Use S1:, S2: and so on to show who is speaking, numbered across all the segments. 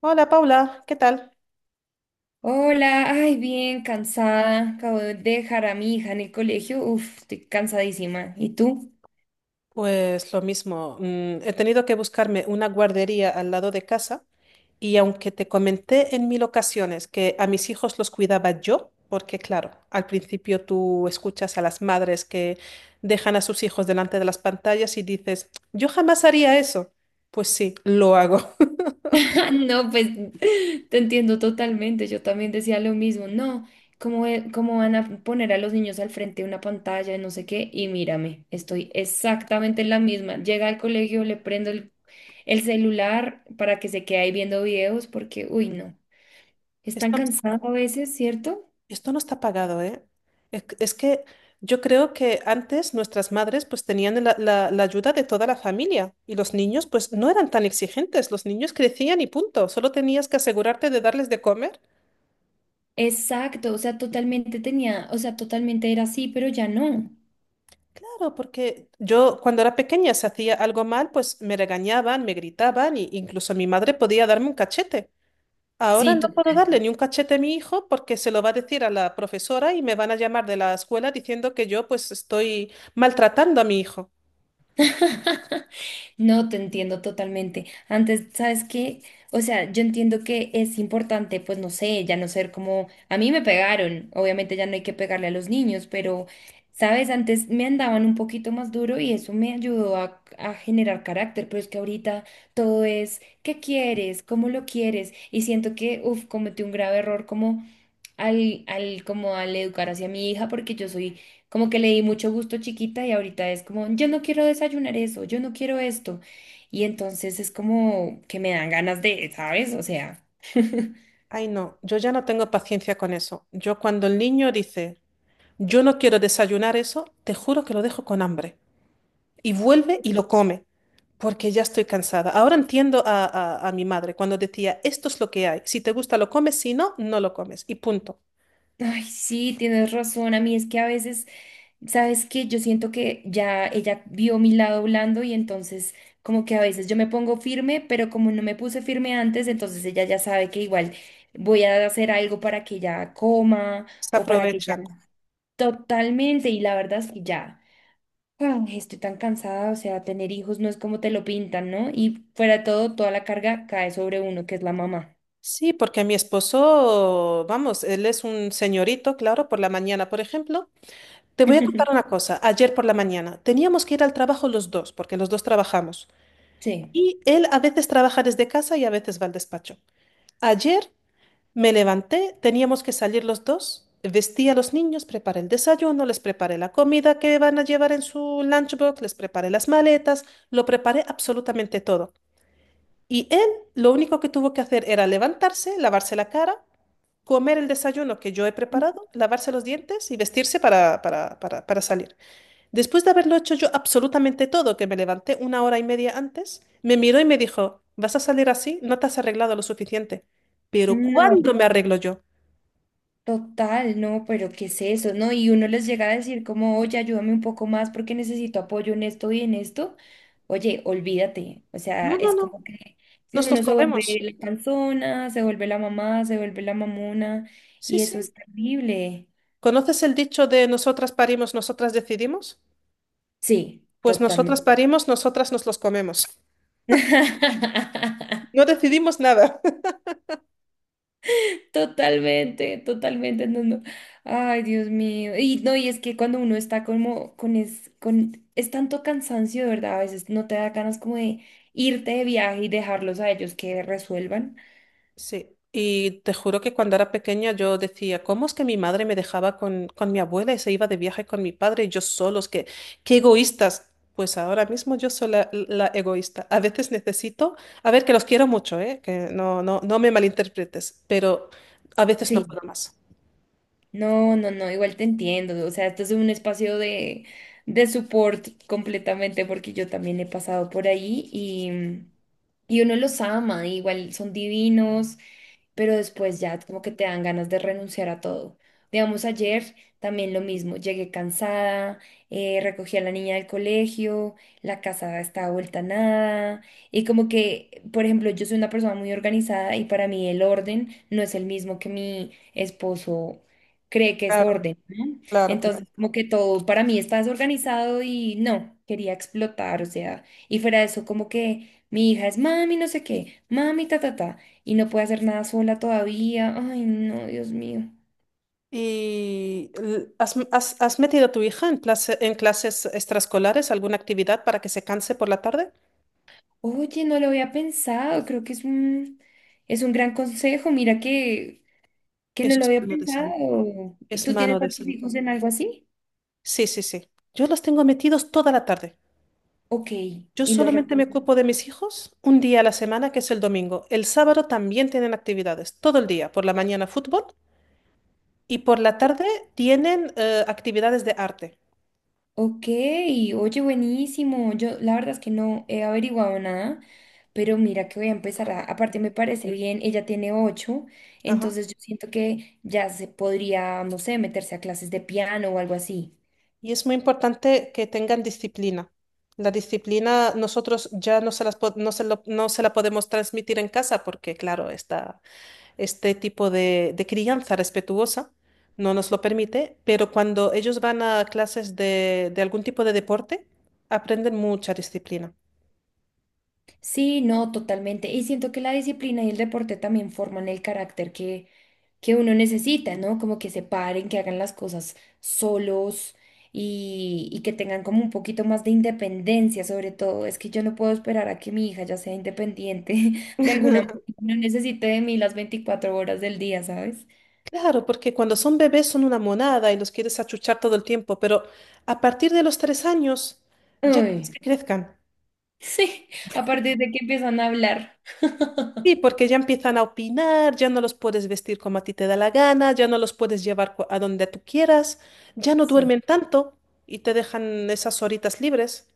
S1: Hola Paula, ¿qué tal?
S2: Hola, ay, bien, cansada. Acabo de dejar a mi hija en el colegio. Uf, estoy cansadísima. ¿Y tú?
S1: Pues lo mismo, he tenido que buscarme una guardería al lado de casa y aunque te comenté en mil ocasiones que a mis hijos los cuidaba yo, porque claro, al principio tú escuchas a las madres que dejan a sus hijos delante de las pantallas y dices, yo jamás haría eso. Pues sí, lo hago.
S2: No, pues te entiendo totalmente. Yo también decía lo mismo. No, ¿cómo, cómo van a poner a los niños al frente de una pantalla, no sé qué? Y mírame, estoy exactamente en la misma. Llega al colegio, el celular para que se quede ahí viendo videos porque, uy, no. Están
S1: Estamos
S2: cansados a veces, ¿cierto?
S1: esto no está pagado, ¿eh? Es que yo creo que antes nuestras madres pues tenían la ayuda de toda la familia y los niños pues no eran tan exigentes, los niños crecían y punto, solo tenías que asegurarte de darles de comer.
S2: Exacto, o sea, totalmente tenía, o sea, totalmente era así, pero ya no.
S1: Claro, porque yo cuando era pequeña si hacía algo mal pues me regañaban, me gritaban e incluso mi madre podía darme un cachete. Ahora
S2: Sí,
S1: no puedo
S2: total.
S1: darle ni un cachete a mi hijo porque se lo va a decir a la profesora y me van a llamar de la escuela diciendo que yo pues estoy maltratando a mi hijo.
S2: No, te entiendo totalmente. Antes, ¿sabes qué? O sea, yo entiendo que es importante, pues no sé, ya no ser como, a mí me pegaron, obviamente ya no hay que pegarle a los niños, pero, ¿sabes? Antes me andaban un poquito más duro y eso me ayudó a generar carácter, pero es que ahorita todo es, ¿qué quieres? ¿Cómo lo quieres? Y siento que, uff, cometí un grave error como... como al educar hacia mi hija, porque yo soy como que le di mucho gusto chiquita y ahorita es como, yo no quiero desayunar eso, yo no quiero esto. Y entonces es como que me dan ganas de, ¿sabes? O sea,
S1: Ay, no, yo ya no tengo paciencia con eso. Yo cuando el niño dice, yo no quiero desayunar eso, te juro que lo dejo con hambre. Y vuelve y lo come, porque ya estoy cansada. Ahora entiendo a mi madre cuando decía, esto es lo que hay. Si te gusta lo comes, si no, no lo comes. Y punto.
S2: ay, sí, tienes razón, a mí es que a veces, ¿sabes qué? Yo siento que ya ella vio mi lado blando y entonces como que a veces yo me pongo firme, pero como no me puse firme antes, entonces ella ya sabe que igual voy a hacer algo para que ella coma
S1: Se
S2: o para que ella...
S1: aprovechan.
S2: Totalmente, y la verdad es que ya, ah, estoy tan cansada, o sea, tener hijos no es como te lo pintan, ¿no? Y fuera de todo, toda la carga cae sobre uno, que es la mamá.
S1: Sí, porque mi esposo, vamos, él es un señorito, claro, por la mañana, por ejemplo. Te voy a contar una cosa. Ayer por la mañana teníamos que ir al trabajo los dos, porque los dos trabajamos.
S2: Sí.
S1: Y él a veces trabaja desde casa y a veces va al despacho. Ayer me levanté, teníamos que salir los dos, vestí a los niños, preparé el desayuno, les preparé la comida que van a llevar en su lunchbox, les preparé las maletas, lo preparé absolutamente todo. Y él lo único que tuvo que hacer era levantarse, lavarse la cara, comer el desayuno que yo he preparado, lavarse los dientes y vestirse para salir. Después de haberlo hecho yo absolutamente todo, que me levanté una hora y media antes, me miró y me dijo, vas a salir así, no te has arreglado lo suficiente. Pero
S2: No,
S1: ¿cuándo me arreglo yo?
S2: total, no, pero ¿qué es eso? ¿No? Y uno les llega a decir como, oye, ayúdame un poco más porque necesito apoyo en esto y en esto. Oye, olvídate, o sea,
S1: No, no,
S2: es
S1: no,
S2: como que si
S1: nos los
S2: uno se vuelve
S1: comemos.
S2: la panzona, se vuelve la mamá, se vuelve la mamona,
S1: Sí,
S2: y eso
S1: sí.
S2: es terrible.
S1: ¿Conoces el dicho de nosotras parimos, nosotras decidimos?
S2: Sí,
S1: Pues nosotras
S2: totalmente.
S1: parimos, nosotras nos los comemos. No decidimos nada.
S2: Totalmente, totalmente, no, no. Ay, Dios mío. Y no, y es que cuando uno está como con es tanto cansancio, de verdad, a veces no te da ganas como de irte de viaje y dejarlos a ellos que resuelvan.
S1: Sí, y te juro que cuando era pequeña yo decía, ¿cómo es que mi madre me dejaba con mi abuela y se iba de viaje con mi padre y yo solos? ¿Qué, qué egoístas? Pues ahora mismo yo soy la egoísta. A veces necesito, a ver, que los quiero mucho, ¿eh? Que no, no, no me malinterpretes, pero a veces no
S2: Sí.
S1: puedo más.
S2: No, no, no, igual te entiendo. O sea, esto es un espacio de, support completamente porque yo también he pasado por ahí y, y uno los ama, igual son divinos, pero después ya como que te dan ganas de renunciar a todo. Digamos, ayer también lo mismo, llegué cansada, recogí a la niña del colegio, la casa estaba vuelta a nada y como que, por ejemplo, yo soy una persona muy organizada y para mí el orden no es el mismo que mi esposo cree que es
S1: Claro,
S2: orden, ¿no?
S1: claro,
S2: Entonces,
S1: claro.
S2: como que todo para mí está desorganizado y no, quería explotar, o sea, y fuera de eso, como que mi hija es mami, no sé qué, mami, ta, ta, ta, y no puede hacer nada sola todavía, ay, no, Dios mío.
S1: ¿Y has metido a tu hija en en clases extraescolares, alguna actividad para que se canse por la tarde?
S2: Oye, no lo había pensado, creo que es un gran consejo, mira que no
S1: Eso
S2: lo
S1: es
S2: había
S1: mano de santo.
S2: pensado. ¿Y
S1: Es
S2: tú
S1: mano
S2: tienes a
S1: de
S2: tus
S1: santo.
S2: hijos en algo así?
S1: Sí, sí, sí. Yo los tengo metidos toda la tarde.
S2: Ok,
S1: Yo
S2: y los
S1: solamente me
S2: recuerdas.
S1: ocupo de mis hijos un día a la semana, que es el domingo. El sábado también tienen actividades, todo el día. Por la mañana fútbol y por la tarde tienen actividades de arte.
S2: Ok, oye, buenísimo. Yo la verdad es que no he averiguado nada, pero mira que voy a empezar a, aparte me parece bien, ella tiene ocho,
S1: Ajá.
S2: entonces yo siento que ya se podría, no sé, meterse a clases de piano o algo así.
S1: Y es muy importante que tengan disciplina. La disciplina nosotros ya no se las po- no se lo- no se la podemos transmitir en casa porque, claro, está este tipo de crianza respetuosa no nos lo permite, pero cuando ellos van a clases de algún tipo de deporte, aprenden mucha disciplina.
S2: Sí, no, totalmente. Y siento que la disciplina y el deporte también forman el carácter que uno necesita, ¿no? Como que se paren, que hagan las cosas solos y que tengan como un poquito más de independencia, sobre todo. Es que yo no puedo esperar a que mi hija ya sea independiente de alguna manera. No necesite de mí las 24 horas del día, ¿sabes?
S1: Claro, porque cuando son bebés son una monada y los quieres achuchar todo el tiempo, pero a partir de los tres años ya quieres
S2: Ay,
S1: que crezcan.
S2: sí, a partir de que empiezan a hablar.
S1: Sí, porque ya empiezan a opinar, ya no los puedes vestir como a ti te da la gana, ya no los puedes llevar a donde tú quieras, ya no
S2: Sí.
S1: duermen tanto y te dejan esas horitas libres.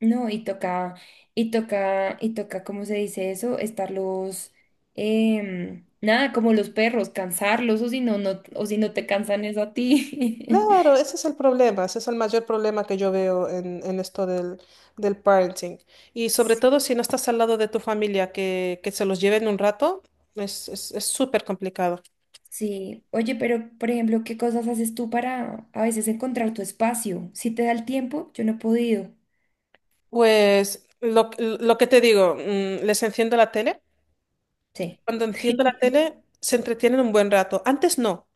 S2: No, y toca, y toca, y toca, ¿cómo se dice eso? Estarlos, nada, como los perros, cansarlos, o si no, no, o si no te cansan eso a ti.
S1: Claro, ese es el problema, ese es el mayor problema que yo veo en esto del parenting. Y sobre todo si no estás al lado de tu familia, que se los lleven un rato, es súper complicado.
S2: Sí, oye, pero por ejemplo, ¿qué cosas haces tú para a veces encontrar tu espacio? Si te da el tiempo, yo no he podido.
S1: Pues lo que te digo, les enciendo la tele.
S2: Sí,
S1: Cuando enciendo la tele, se entretienen un buen rato. Antes no.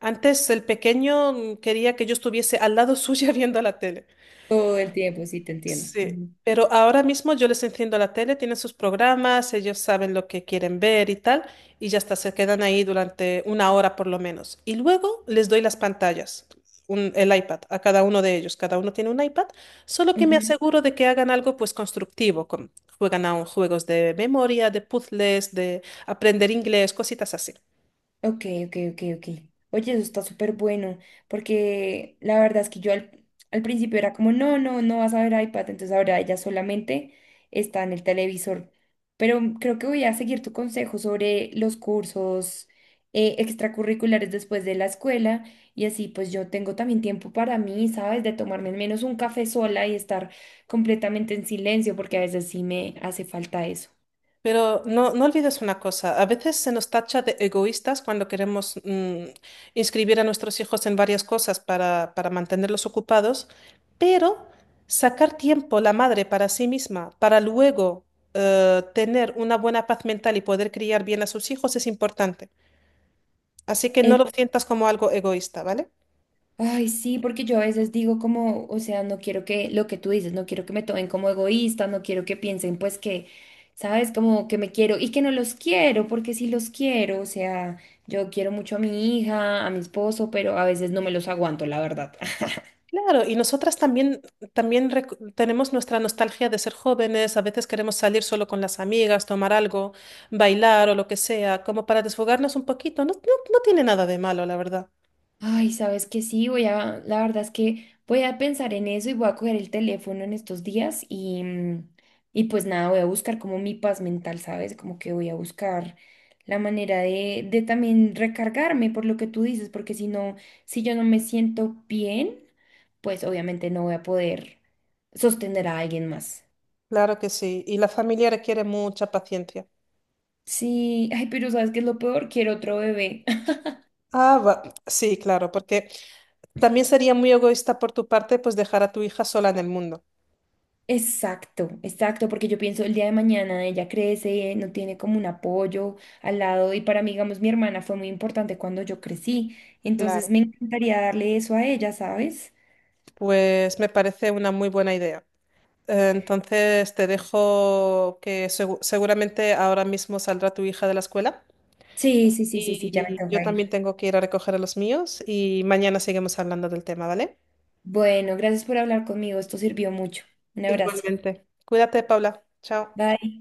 S1: Antes el pequeño quería que yo estuviese al lado suya viendo la tele.
S2: todo el tiempo, sí, te entiendo.
S1: Sí,
S2: Ujú.
S1: pero ahora mismo yo les enciendo la tele, tienen sus programas, ellos saben lo que quieren ver y tal, y ya está, se quedan ahí durante una hora por lo menos. Y luego les doy las pantallas, el iPad, a cada uno de ellos. Cada uno tiene un iPad, solo que me
S2: Ujú.
S1: aseguro de que hagan algo pues constructivo, juegan a juegos de memoria, de puzzles, de aprender inglés, cositas así.
S2: Ok, ok, ok, ok. Oye, eso está súper bueno, porque la verdad es que al principio era como, no, no, no vas a ver iPad, entonces ahora ella solamente está en el televisor. Pero creo que voy a seguir tu consejo sobre los cursos extracurriculares después de la escuela y así pues yo tengo también tiempo para mí, ¿sabes? De tomarme al menos un café sola y estar completamente en silencio, porque a veces sí me hace falta eso.
S1: Pero no, no olvides una cosa, a veces se nos tacha de egoístas cuando queremos inscribir a nuestros hijos en varias cosas para mantenerlos ocupados, pero sacar tiempo la madre para sí misma, para luego tener una buena paz mental y poder criar bien a sus hijos es importante. Así que no lo sientas como algo egoísta, ¿vale?
S2: Ay, sí, porque yo a veces digo como, o sea, no quiero que lo que tú dices, no quiero que me tomen como egoísta, no quiero que piensen pues que, sabes, como que me quiero y que no los quiero, porque sí los quiero, o sea, yo quiero mucho a mi hija, a mi esposo, pero a veces no me los aguanto, la verdad.
S1: Claro, y nosotras también, tenemos nuestra nostalgia de ser jóvenes, a veces queremos salir solo con las amigas, tomar algo, bailar o lo que sea, como para desfogarnos un poquito. No, no, no tiene nada de malo, la verdad.
S2: Ay, sabes que sí, la verdad es que voy a pensar en eso y voy a coger el teléfono en estos días y, y pues nada, voy a buscar como mi paz mental, ¿sabes? Como que voy a buscar la manera de, también recargarme por lo que tú dices, porque si no, si yo no me siento bien, pues obviamente no voy a poder sostener a alguien más.
S1: Claro que sí, y la familia requiere mucha paciencia.
S2: Sí, ay, pero ¿sabes qué es lo peor? Quiero otro bebé.
S1: Ah, sí, claro, porque también sería muy egoísta por tu parte, pues dejar a tu hija sola en el mundo.
S2: Exacto, exacto, porque yo pienso el día de mañana ella crece, no tiene como un apoyo al lado y para mí, digamos, mi hermana fue muy importante cuando yo crecí,
S1: Claro,
S2: entonces me encantaría darle eso a ella, ¿sabes?
S1: pues me parece una muy buena idea. Entonces te dejo que seguramente ahora mismo saldrá tu hija de la escuela.
S2: Sí, sí, sí, sí, sí, ya me
S1: Y yo
S2: toca ir.
S1: también tengo que ir a recoger a los míos y mañana seguimos hablando del tema, ¿vale?
S2: Bueno, gracias por hablar conmigo, esto sirvió mucho. Un abrazo.
S1: Igualmente. Cuídate, Paula. Chao.
S2: Bye.